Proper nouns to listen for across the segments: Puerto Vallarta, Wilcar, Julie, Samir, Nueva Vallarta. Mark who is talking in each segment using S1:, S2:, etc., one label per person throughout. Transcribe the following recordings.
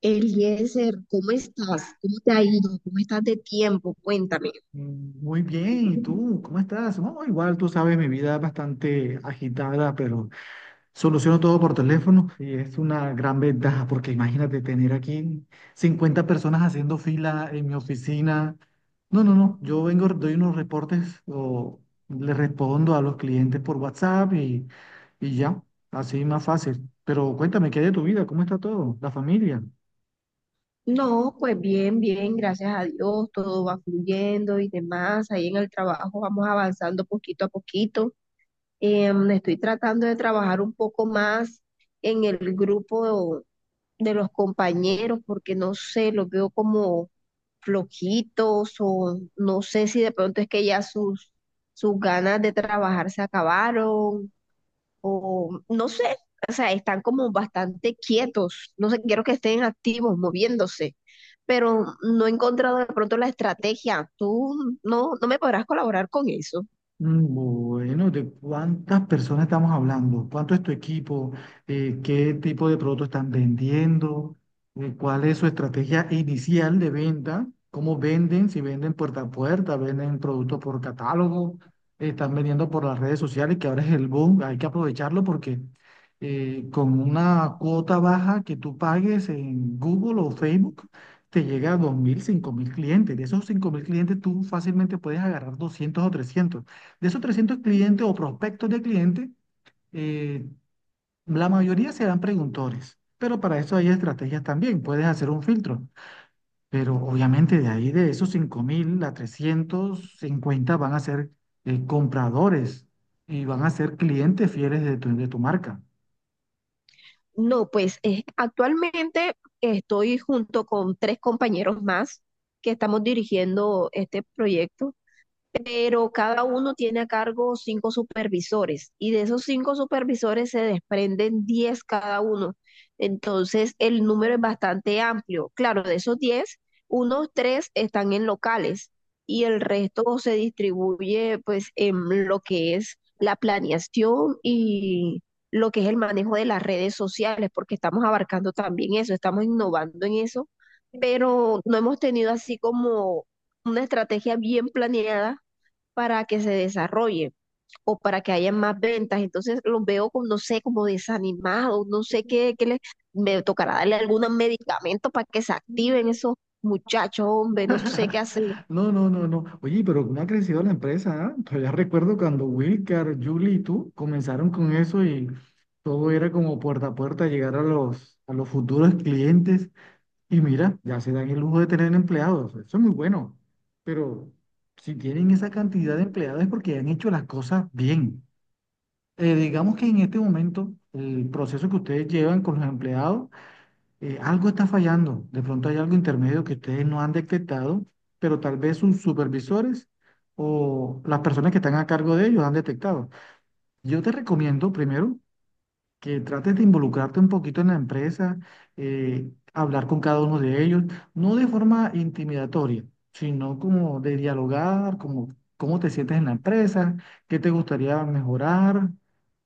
S1: Eliezer, ¿cómo estás? ¿Cómo te ha ido? ¿Cómo estás de tiempo? Cuéntame.
S2: Muy bien, ¿y tú? ¿Cómo estás? No, igual tú sabes, mi vida es bastante agitada, pero soluciono todo por teléfono y es una gran ventaja porque imagínate tener aquí 50 personas haciendo fila en mi oficina. No, no, no, yo vengo, doy unos reportes o le respondo a los clientes por WhatsApp y ya, así más fácil. Pero cuéntame, ¿qué hay de tu vida? ¿Cómo está todo? ¿La familia?
S1: No, pues bien, bien, gracias a Dios, todo va fluyendo y demás. Ahí en el trabajo vamos avanzando poquito a poquito. Estoy tratando de trabajar un poco más en el grupo de los compañeros porque no sé, los veo como flojitos o no sé si de pronto es que ya sus ganas de trabajar se acabaron o no sé, o sea, están como bastante quietos, no sé, quiero que estén activos, moviéndose, pero no he encontrado de pronto la estrategia. Tú no, No me podrás colaborar con eso.
S2: Bueno, ¿de cuántas personas estamos hablando? ¿Cuánto es tu equipo? ¿Qué tipo de producto están vendiendo? ¿Cuál es su estrategia inicial de venta? ¿Cómo venden? Si venden puerta a puerta, venden producto por catálogo, están vendiendo por las redes sociales, que ahora es el boom, hay que aprovecharlo porque con una cuota baja que tú pagues en Google o Facebook, te llega a 2.000, 5.000 clientes. De esos 5.000 clientes, tú fácilmente puedes agarrar 200 o 300. De esos 300 clientes o prospectos de clientes, eh, la mayoría serán preguntores, pero para eso hay estrategias también, puedes hacer un filtro, pero obviamente de ahí de esos 5.000 a 350 van a ser compradores y van a ser clientes fieles de tu marca.
S1: No, pues actualmente estoy junto con tres compañeros más que estamos dirigiendo este proyecto. Pero cada uno tiene a cargo cinco supervisores y de esos cinco supervisores se desprenden 10 cada uno. Entonces, el número es bastante amplio. Claro, de esos 10, unos tres están en locales y el resto se distribuye pues en lo que es la planeación y lo que es el manejo de las redes sociales, porque estamos abarcando también eso, estamos innovando en eso, pero no hemos tenido así como una estrategia bien planeada para que se desarrolle o para que haya más ventas. Entonces los veo como, no sé, como desanimados, no sé me tocará darle algún medicamento para que se activen esos muchachos, hombre, no sé qué hacer.
S2: No, no, no, no. Oye, pero ¿cómo ha crecido la empresa? ¿Ah? Todavía recuerdo cuando Wilcar, Julie y tú comenzaron con eso y todo era como puerta a puerta llegar a los futuros clientes. Y mira, ya se dan el lujo de tener empleados, eso es muy bueno, pero si tienen esa cantidad de empleados es porque han hecho las cosas bien. Digamos que en este momento el proceso que ustedes llevan con los empleados, algo está fallando, de pronto hay algo intermedio que ustedes no han detectado, pero tal vez sus supervisores o las personas que están a cargo de ellos han detectado. Yo te recomiendo primero que trates de involucrarte un poquito en la empresa, hablar con cada uno de ellos, no de forma intimidatoria, sino como de dialogar, como cómo te sientes en la empresa, qué te gustaría mejorar.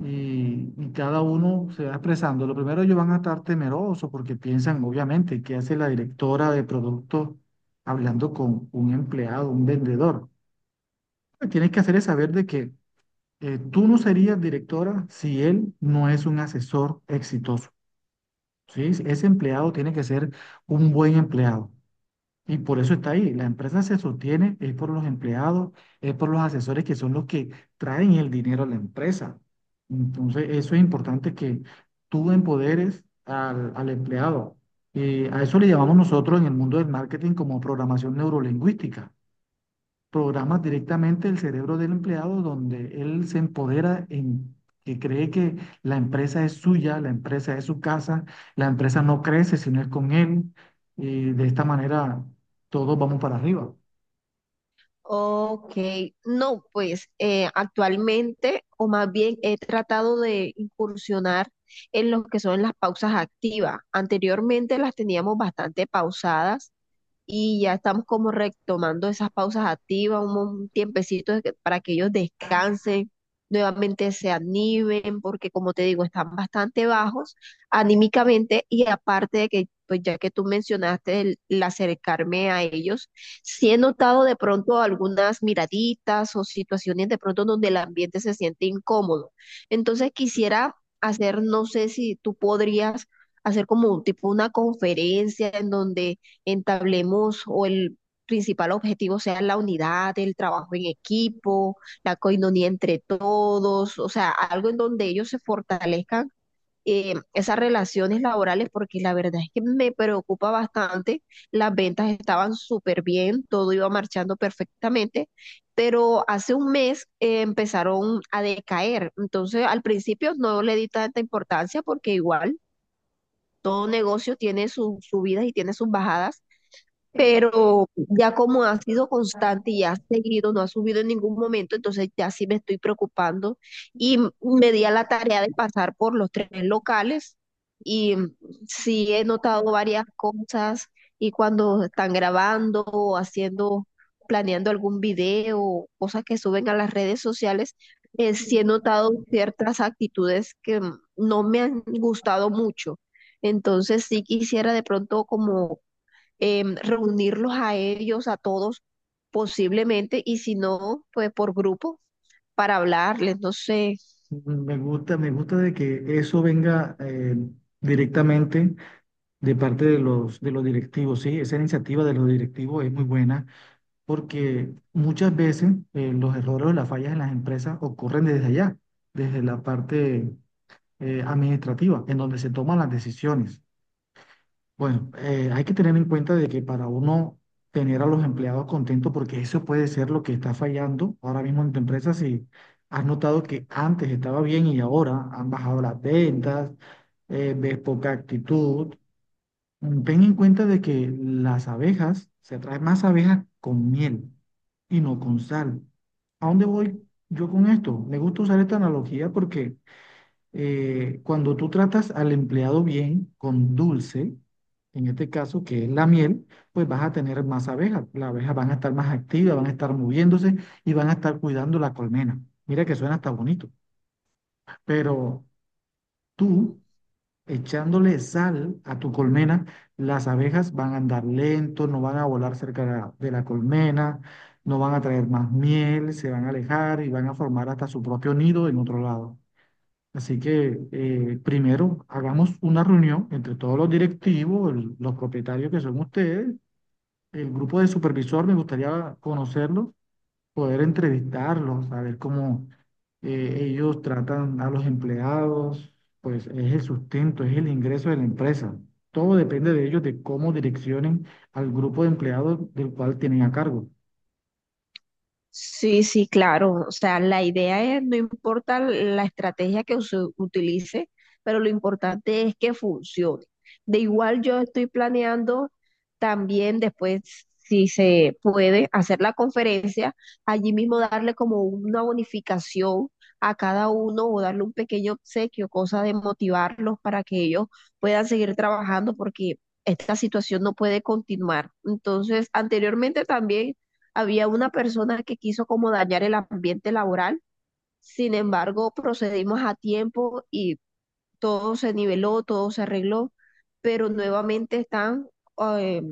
S2: Y cada uno se va expresando. Lo primero, ellos van a estar temerosos porque piensan, obviamente, qué hace la directora de producto hablando con un empleado, un vendedor. Lo que tienes que hacer es saber de que tú no serías directora si él no es un asesor exitoso. Sí, sí, ese empleado tiene que ser un buen empleado. Y por eso está ahí. La empresa se sostiene, es por los empleados, es por los asesores que son los que traen el dinero a la empresa. Entonces, eso es importante que tú empoderes al empleado. Y a eso le llamamos nosotros en el mundo del marketing como programación neurolingüística. Programas directamente el cerebro del empleado donde él se empodera en que cree que la empresa es suya, la empresa es su casa, la empresa no crece si no es con él y de esta manera todos vamos para arriba.
S1: Ok, no, pues actualmente, o más bien he tratado de incursionar en lo que son las pausas activas. Anteriormente las teníamos bastante pausadas y ya estamos como retomando esas pausas activas, un tiempecito para que ellos descansen, nuevamente se animen, porque como te digo, están bastante bajos anímicamente y aparte de que, pues ya que tú mencionaste el acercarme a ellos, sí he notado de pronto algunas miraditas o situaciones de pronto donde el ambiente se siente incómodo. Entonces quisiera hacer, no sé si tú podrías hacer como un tipo una conferencia en donde entablemos o el principal objetivo sea la unidad, el trabajo en equipo, la coinonía entre todos, o sea, algo en donde ellos se fortalezcan esas relaciones laborales, porque la verdad es que me preocupa bastante. Las ventas estaban súper bien, todo iba marchando perfectamente, pero hace un mes empezaron a decaer. Entonces, al principio no le di tanta importancia porque igual todo negocio tiene sus subidas y tiene sus bajadas, pero ya como ha sido constante y ha seguido, no ha subido en ningún momento, entonces ya sí me estoy preocupando y me di a la tarea de pasar por los tres locales y sí he notado varias cosas y cuando están grabando o haciendo, planeando algún video, cosas que suben a las redes sociales, sí he notado ciertas actitudes que no me han gustado mucho. Entonces sí quisiera de pronto como reunirlos a ellos, a todos posiblemente, y si no, pues por grupo para hablarles, no sé.
S2: Me gusta de que eso venga directamente de parte de los directivos, ¿sí? Esa iniciativa de los directivos es muy buena porque muchas veces los errores o las fallas en las empresas ocurren desde allá, desde la parte administrativa, en donde se toman las decisiones. Bueno, hay que tener en cuenta de que para uno tener a los empleados contentos, porque eso puede ser lo que está fallando ahora mismo en tu empresa, si has notado que antes estaba bien y ahora han bajado las ventas, ves poca actitud. Ten en cuenta de que las abejas, se traen más abejas con miel y no con sal. ¿A dónde voy yo con esto? Me gusta usar esta analogía porque cuando tú tratas al empleado bien con dulce, en este caso que es la miel, pues vas a tener más abejas. Las abejas van a estar más activas, van a estar moviéndose y van a estar cuidando la colmena. Mira que suena hasta bonito, pero tú echándole sal a tu colmena, las abejas van a andar lento, no van a volar cerca de la colmena, no van a traer más miel, se van a alejar y van a formar hasta su propio nido en otro lado. Así que primero hagamos una reunión entre todos los directivos, los propietarios que son ustedes, el grupo de supervisor, me gustaría conocerlos, poder entrevistarlos, saber cómo ellos tratan a los empleados, pues es el sustento, es el ingreso de la empresa. Todo depende de ellos, de cómo direccionen al grupo de empleados del cual tienen a cargo.
S1: Sí, sí, claro. O sea, la idea es, no importa la estrategia que se utilice, pero lo importante es que funcione. De igual yo estoy planeando también después, si se puede, hacer la conferencia, allí mismo darle como una bonificación a cada uno o darle un pequeño obsequio, cosa de motivarlos para que ellos puedan seguir trabajando porque esta situación no puede continuar. Entonces, anteriormente también... Había una persona que quiso como dañar el ambiente laboral, sin embargo, procedimos a tiempo y todo se niveló, todo se arregló, pero nuevamente están, eh,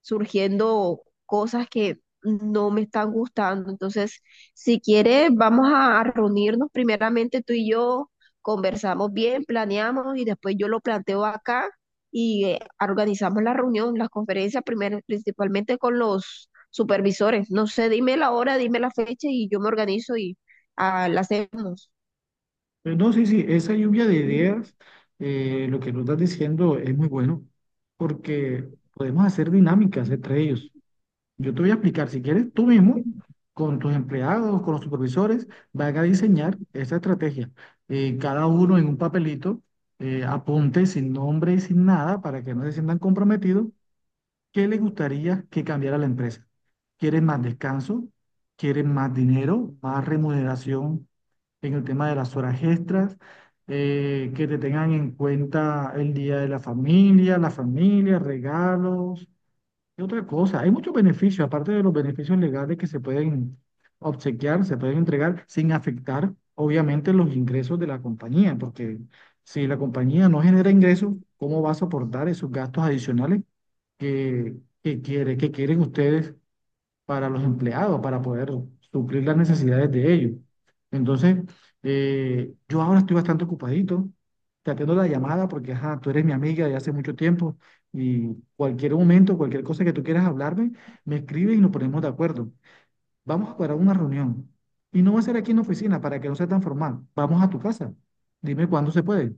S1: surgiendo cosas que no me están gustando. Entonces, si quieres, vamos a reunirnos primeramente tú y yo, conversamos bien, planeamos y después yo lo planteo acá y organizamos la reunión, las conferencias, primero, principalmente con los supervisores. No sé, dime la hora, dime la fecha y yo me organizo y la hacemos.
S2: No, sí, sí, esa lluvia de ideas, lo que nos estás diciendo es muy bueno, porque podemos hacer dinámicas entre ellos. Yo te voy a explicar, si quieres, tú mismo, con tus empleados, con los supervisores, van a diseñar esta estrategia. Cada uno en un papelito, apunte sin nombre y sin nada para que no se sientan comprometidos. ¿Qué le gustaría que cambiara la empresa? ¿Quieren más descanso? ¿Quieren más dinero? ¿Más remuneración en el tema de las horas extras? Que te tengan en cuenta el día de la familia, regalos. Y otra cosa, hay muchos beneficios, aparte de los beneficios legales que se pueden obsequiar, se pueden entregar sin afectar, obviamente, los ingresos de la compañía, porque si la compañía no genera ingresos, ¿cómo va a soportar esos gastos adicionales que, que quieren ustedes para los empleados, para poder suplir las necesidades de ellos? Entonces, yo ahora estoy bastante ocupadito. Te atiendo la llamada porque ajá, tú eres mi amiga de hace mucho tiempo y cualquier momento, cualquier cosa que tú quieras hablarme, me escribes y nos ponemos de acuerdo. Vamos a parar una reunión y no va a ser aquí en la oficina para que no sea tan formal. Vamos a tu casa. Dime cuándo se puede.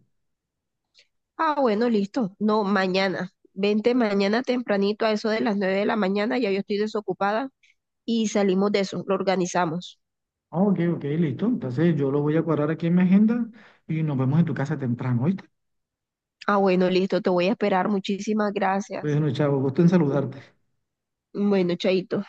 S1: Ah, bueno, listo. No, mañana. Vente mañana tempranito a eso de las 9 de la mañana, ya yo estoy desocupada y salimos de eso, lo organizamos.
S2: Ah, ok, ok, listo. Entonces yo lo voy a cuadrar aquí en mi agenda y nos vemos en tu casa temprano, ¿oíste?
S1: Ah, bueno, listo, te voy a esperar. Muchísimas gracias.
S2: Bueno, chavo, gusto en saludarte.
S1: Bueno, chaito.